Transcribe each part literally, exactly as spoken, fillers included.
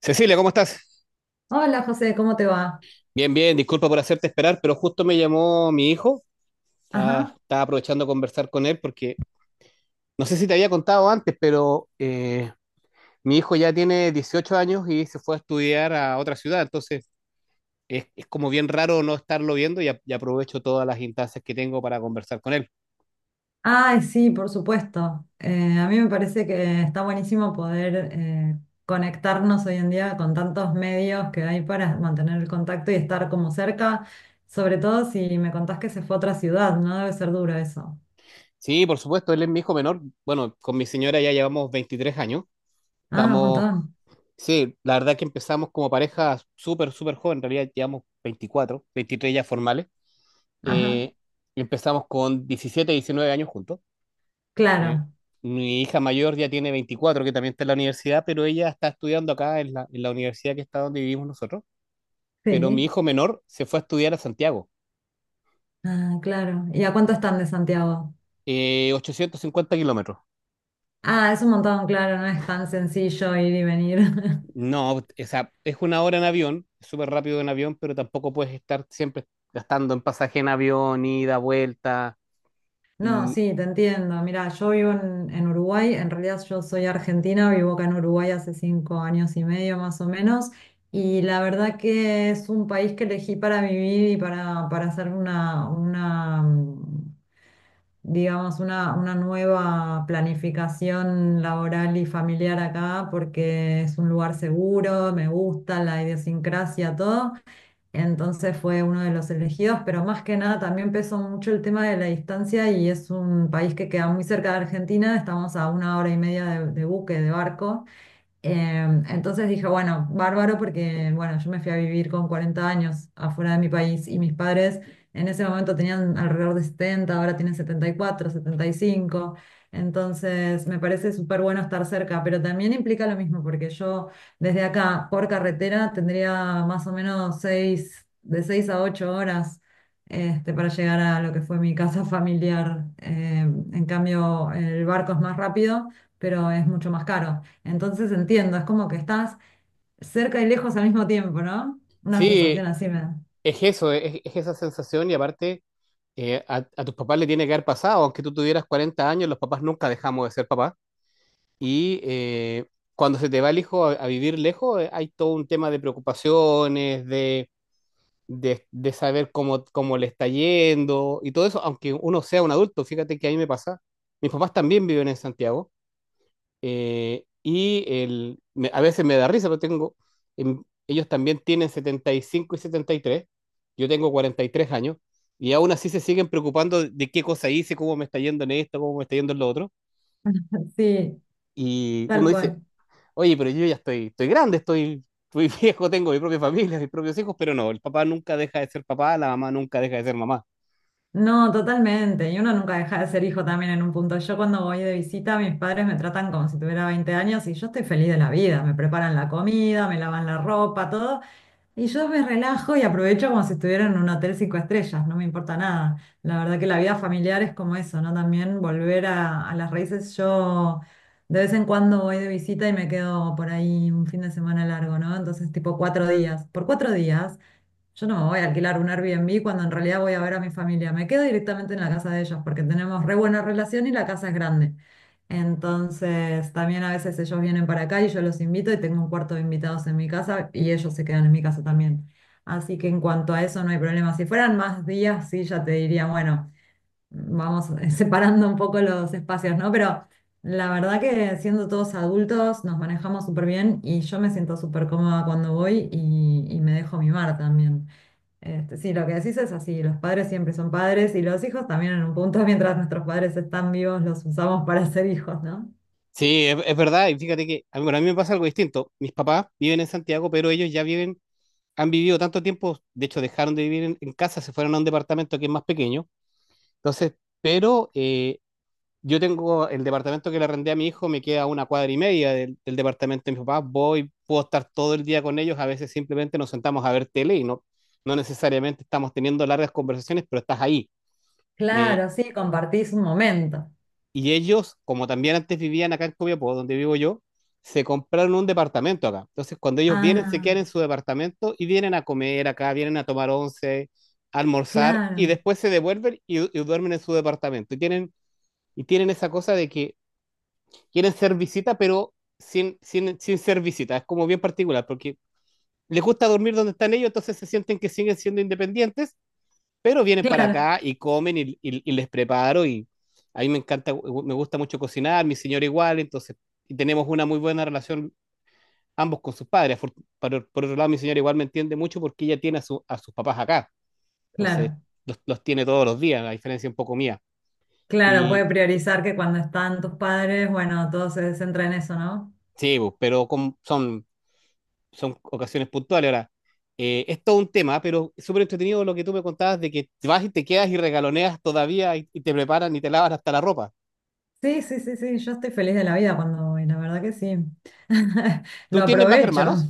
Cecilia, ¿cómo estás? Hola José, ¿cómo te va? Bien, bien, disculpa por hacerte esperar, pero justo me llamó mi hijo. Estaba, Ajá. estaba aprovechando de conversar con él porque no sé si te había contado antes, pero eh, mi hijo ya tiene dieciocho años y se fue a estudiar a otra ciudad. Entonces es, es como bien raro no estarlo viendo y, a- y aprovecho todas las instancias que tengo para conversar con él. Ay, sí, por supuesto. Eh, a mí me parece que está buenísimo poder eh, conectarnos hoy en día con tantos medios que hay para mantener el contacto y estar como cerca, sobre todo si me contás que se fue a otra ciudad, ¿no? Debe ser duro eso. Sí, por supuesto, él es mi hijo menor. Bueno, con mi señora ya llevamos veintitrés años. Ah, un Estamos, montón. sí, la verdad que empezamos como pareja súper, súper joven. En realidad llevamos veinticuatro, veintitrés ya formales. Ajá. Eh, empezamos con diecisiete diecinueve años juntos. Eh, Claro. mi hija mayor ya tiene veinticuatro que también está en la universidad, pero ella está estudiando acá en la, en la universidad que está donde vivimos nosotros. Pero mi Sí. hijo menor se fue a estudiar a Santiago, Ah, claro. ¿Y a cuánto están de Santiago? eh, ochocientos cincuenta kilómetros. Ah, es un montón, claro, no es tan sencillo ir y venir. No, o sea, es una hora en avión, es súper rápido en avión, pero tampoco puedes estar siempre gastando en pasaje en avión, ida, vuelta. No, Y sí, te entiendo. Mira, yo vivo en, en Uruguay, en realidad yo soy argentina, vivo acá en Uruguay hace cinco años y medio más o menos, y la verdad que es un país que elegí para vivir y para, para hacer una, una, mm, digamos, una, una nueva planificación laboral y familiar acá, porque es un lugar seguro, me gusta la idiosincrasia, todo. Entonces fue uno de los elegidos, pero más que nada también pesó mucho el tema de la distancia y es un país que queda muy cerca de Argentina, estamos a una hora y media de, de buque, de barco. Em, entonces dije, bueno, bárbaro porque, bueno, yo me fui a vivir con cuarenta años afuera de mi país y mis padres en ese momento tenían alrededor de setenta, ahora tienen setenta, setenta y cuatro, setenta y cinco. Entonces me parece súper bueno estar cerca, pero también implica lo mismo porque yo desde acá por carretera tendría más o menos seis de seis a ocho horas, este, para llegar a lo que fue mi casa familiar. Em, en cambio, el barco es más rápido, pero es mucho más caro. Entonces entiendo, es como que estás cerca y lejos al mismo tiempo, ¿no? Una sí, sensación así me da. es eso, es, es esa sensación y aparte eh, a, a tus papás le tiene que haber pasado, aunque tú tuvieras cuarenta años, los papás nunca dejamos de ser papás y eh, cuando se te va el hijo a, a vivir lejos eh, hay todo un tema de preocupaciones, de, de, de saber cómo, cómo le está yendo y todo eso, aunque uno sea un adulto, fíjate que a mí me pasa, mis papás también viven en Santiago eh, y el, me- a veces me da risa, pero tengo, em, ellos también tienen setenta y cinco y y setenta y tres, yo tengo cuarenta y tres años, y aún así se siguen preocupando de qué cosa hice, cómo me está yendo en esto, cómo me está yendo en lo otro. Sí, Y uno tal dice, cual. oye, pero yo ya estoy, estoy grande, estoy, estoy viejo, tengo mi propia familia, mis propios hijos, pero no, el papá nunca deja de ser papá, la mamá nunca deja de ser mamá. No, totalmente. Y uno nunca deja de ser hijo también en un punto. Yo cuando voy de visita, mis padres me tratan como si tuviera veinte años y yo estoy feliz de la vida. Me preparan la comida, me lavan la ropa, todo. Y yo me relajo y aprovecho como si estuviera en un hotel cinco estrellas, no me importa nada. La verdad que la vida familiar es como eso, ¿no? También volver a, a las raíces. Yo de vez en cuando voy de visita y me quedo por ahí un fin de semana largo, ¿no? Entonces, tipo cuatro días. Por cuatro días yo no me voy a alquilar un Airbnb cuando en realidad voy a ver a mi familia. Me quedo directamente en la casa de ellos porque tenemos re buena relación y la casa es grande. Entonces, también a veces ellos vienen para acá y yo los invito y tengo un cuarto de invitados en mi casa y ellos se quedan en mi casa también. Así que en cuanto a eso no hay problema. Si fueran más días, sí, ya te diría, bueno, vamos eh, separando un poco los espacios, ¿no? Pero la verdad que siendo todos adultos nos manejamos súper bien y yo me siento súper cómoda cuando voy y, y me dejo mimar también. Este, sí, lo que decís es así, los padres siempre son padres y los hijos también en un punto, mientras nuestros padres están vivos, los usamos para ser hijos, ¿no? Sí, es, es verdad, y fíjate que a mí, bueno, a mí me pasa algo distinto. Mis papás viven en Santiago, pero ellos ya viven han vivido tanto tiempo, de hecho dejaron de vivir en, en casa, se fueron a un departamento que es más pequeño. Entonces, pero eh, yo tengo el departamento que le arrendé a mi hijo, me queda a una cuadra y media del, del departamento de mis papás, voy, puedo estar todo el día con ellos, a veces simplemente nos sentamos a ver tele y no, no necesariamente estamos teniendo largas conversaciones, pero estás ahí. Eh, Claro, sí, compartís un momento. Y ellos, como también antes vivían acá en Copiapó, donde vivo yo, se compraron un departamento acá. Entonces, cuando ellos vienen, se Ah, quedan en su departamento y vienen a comer acá, vienen a tomar once, a almorzar y claro, después se devuelven y, y duermen en su departamento. Y tienen, y tienen esa cosa de que quieren ser visita, pero sin, sin, sin ser visita. Es como bien particular, porque les gusta dormir donde están ellos, entonces se sienten que siguen siendo independientes, pero vienen para claro, acá y comen y, y, y les preparo y a mí me encanta, me gusta mucho cocinar, mi señora igual, entonces y tenemos una muy buena relación ambos con sus padres. Por, por, por otro lado, mi señora igual me entiende mucho porque ella tiene a, su, a sus papás acá, entonces claro, los, los, tiene todos los días, la diferencia un poco mía. claro, puede Y priorizar que cuando están tus padres, bueno, todo se centra en eso, ¿no? sí, pues, pero con, son, son ocasiones puntuales. Ahora, eh, es todo un tema, pero es súper entretenido lo que tú me contabas de que vas y te quedas y regaloneas todavía y, y te preparan y te lavas hasta la ropa. Sí, sí, sí, sí, yo estoy feliz de la vida cuando voy, la verdad que sí. ¿Tú Lo tienes más aprovecho. hermanos?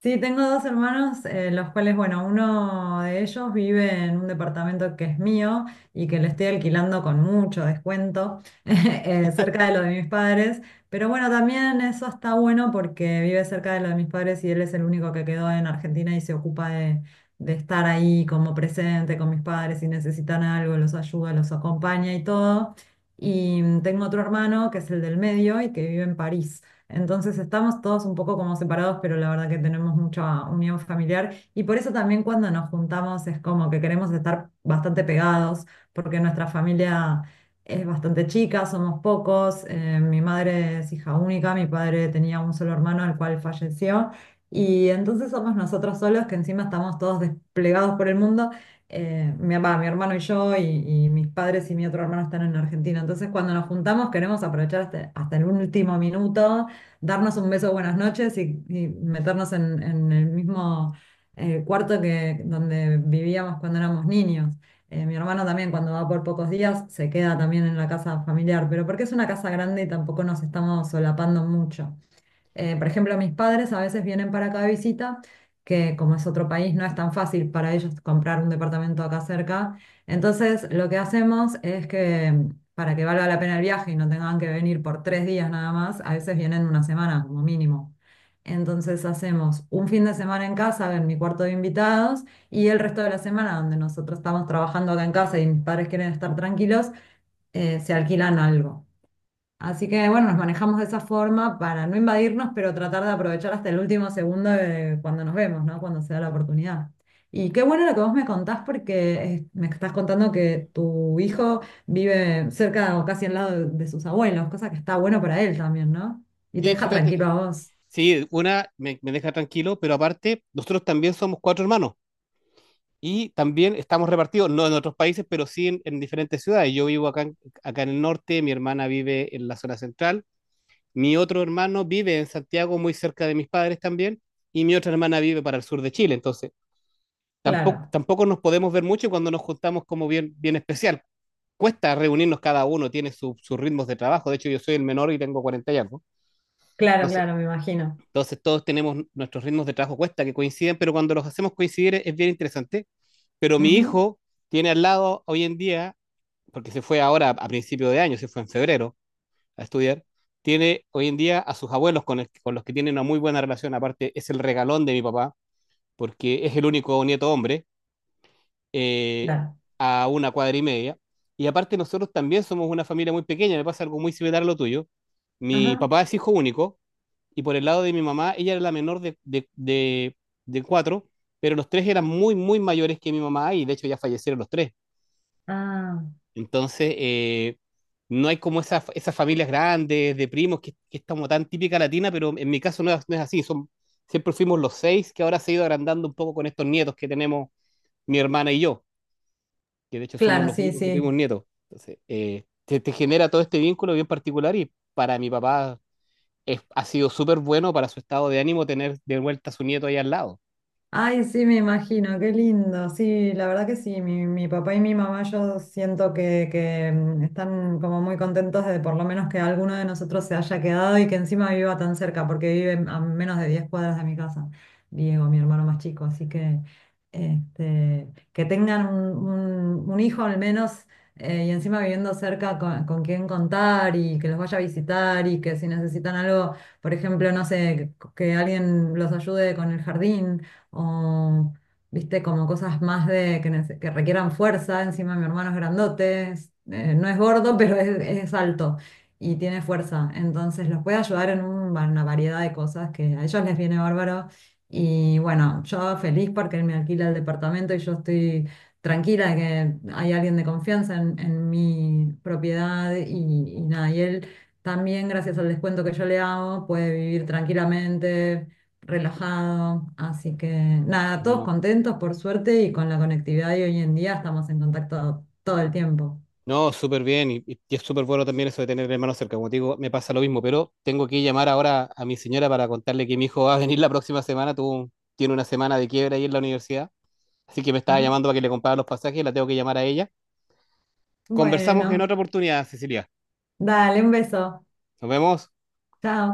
Sí, tengo dos hermanos, eh, los cuales, bueno, uno de ellos vive en un departamento que es mío y que le estoy alquilando con mucho descuento, eh, cerca de lo de mis padres. Pero bueno, también eso está bueno porque vive cerca de lo de mis padres y él es el único que quedó en Argentina y se ocupa de, de estar ahí como presente con mis padres. Si necesitan algo, los ayuda, los acompaña y todo. Y mm, tengo otro hermano que es el del medio y que vive en París. Entonces estamos todos un poco como separados, pero la verdad que tenemos mucha unión familiar y por eso también cuando nos juntamos es como que queremos estar bastante pegados, porque nuestra familia es bastante chica, somos pocos, eh, mi madre es hija única, mi padre tenía un solo hermano al cual falleció y entonces somos nosotros solos que encima estamos todos desplegados por el mundo. Eh, mi, va, mi hermano y yo y, y mis padres y mi otro hermano están en Argentina. Entonces, cuando nos juntamos, queremos aprovechar hasta, hasta el último minuto, darnos un beso buenas noches y, y meternos en, en el mismo eh, cuarto que donde vivíamos cuando éramos niños. Eh, mi hermano también cuando va por pocos días se queda también en la casa familiar, pero porque es una casa grande y tampoco nos estamos solapando mucho. Eh, por ejemplo, mis padres a veces vienen para acá de visita, que como es otro país, no es tan fácil para ellos comprar un departamento acá cerca. Entonces, lo que hacemos es que para que valga la pena el viaje y no tengan que venir por tres días nada más, a veces vienen una semana como mínimo. Entonces hacemos un fin de semana en casa, en mi cuarto de invitados, y el resto de la semana, donde nosotros estamos trabajando acá en casa y mis padres quieren estar tranquilos, eh, se alquilan algo. Así que bueno, nos manejamos de esa forma para no invadirnos, pero tratar de aprovechar hasta el último segundo de cuando nos vemos, ¿no? Cuando se da la oportunidad. Y qué bueno lo que vos me contás porque eh, me estás contando que tu hijo vive cerca o casi al lado de, de sus abuelos, cosa que está bueno para él también, ¿no? Y te Sí, deja fíjate tranquilo que. a vos. Sí, una me, me deja tranquilo, pero aparte, nosotros también somos cuatro hermanos y también estamos repartidos, no en otros países, pero sí en, en diferentes ciudades. Yo vivo acá, en- acá en el norte, mi hermana vive en la zona central, mi otro hermano vive en Santiago, muy cerca de mis padres también, y mi otra hermana vive para el sur de Chile. Entonces, tampoco, Claro, tampoco nos podemos ver mucho cuando nos juntamos como bien, bien especial. Cuesta reunirnos cada uno, tiene su- sus ritmos de trabajo. De hecho, yo soy el menor y tengo cuarenta y algo. claro, claro, me imagino. Entonces todos tenemos nuestros ritmos de trabajo cuesta que coinciden, pero cuando los hacemos coincidir es bien interesante. Pero mi Ujú, hijo tiene al lado hoy en día, porque se fue ahora a principio de año, se fue en febrero a estudiar, tiene hoy en día a sus abuelos con, el, con los que tiene una muy buena relación, aparte es el regalón de mi papá, porque es el único nieto hombre, eh, claro. a una cuadra y media. Y aparte nosotros también somos una familia muy pequeña, me pasa algo muy similar a lo tuyo. Claro. Mi Ajá. papá es hijo único, y por el lado de mi mamá, ella era la menor de, de, de, de cuatro, pero los tres eran muy, muy mayores que mi mamá y de hecho ya fallecieron los tres. Ah, Entonces, eh, no hay como esas, esas familias grandes de primos que, que es como tan típica latina, pero en mi caso no es, no es así. Son, siempre fuimos los seis, que ahora se ha ido agrandando un poco con estos nietos que tenemos mi hermana y yo, que de hecho somos claro, los sí, únicos que tuvimos sí. nietos. Entonces, eh, te, te genera todo este vínculo bien particular y para mi papá es, ha sido súper bueno para su estado de ánimo tener de vuelta a su nieto ahí al lado. Ay, sí, me imagino, qué lindo. Sí, la verdad que sí, mi, mi papá y mi mamá yo siento que, que, mm, están como muy contentos de por lo menos que alguno de nosotros se haya quedado y que encima viva tan cerca, porque vive a menos de diez cuadras de mi casa, Diego, mi hermano más chico. Así que este, que tengan un, un- un hijo al menos eh, y encima viviendo cerca con, con quien contar y que los vaya a visitar y que si necesitan algo, por ejemplo, no sé, que que alguien los ayude con el jardín o viste, como cosas más de que, nece- que requieran fuerza. Encima mi hermano es grandote, es- eh, no es gordo, pero es, es alto y tiene fuerza. Entonces los puede ayudar en un- una variedad de cosas que a ellos les viene bárbaro. Y bueno, yo feliz porque él me alquila el departamento y yo estoy tranquila de que hay alguien de confianza en, en mi propiedad y, y nada, y él también gracias al descuento que yo le hago puede vivir tranquilamente, relajado, así que nada, todos No, contentos por suerte y con la conectividad de hoy en día estamos en contacto todo el tiempo. no, súper bien y, y es súper bueno también eso de tener hermanos cerca. Como te digo, me pasa lo mismo, pero tengo que llamar ahora a mi señora para contarle que mi hijo va a venir la próxima semana. Tuvo, tiene una semana de quiebra ahí en la universidad, así que me estaba Ajá. llamando para que le comprara los pasajes, y la tengo que llamar a ella. Conversamos en otra Bueno, oportunidad, Cecilia. dale, un beso. Nos vemos. Chao.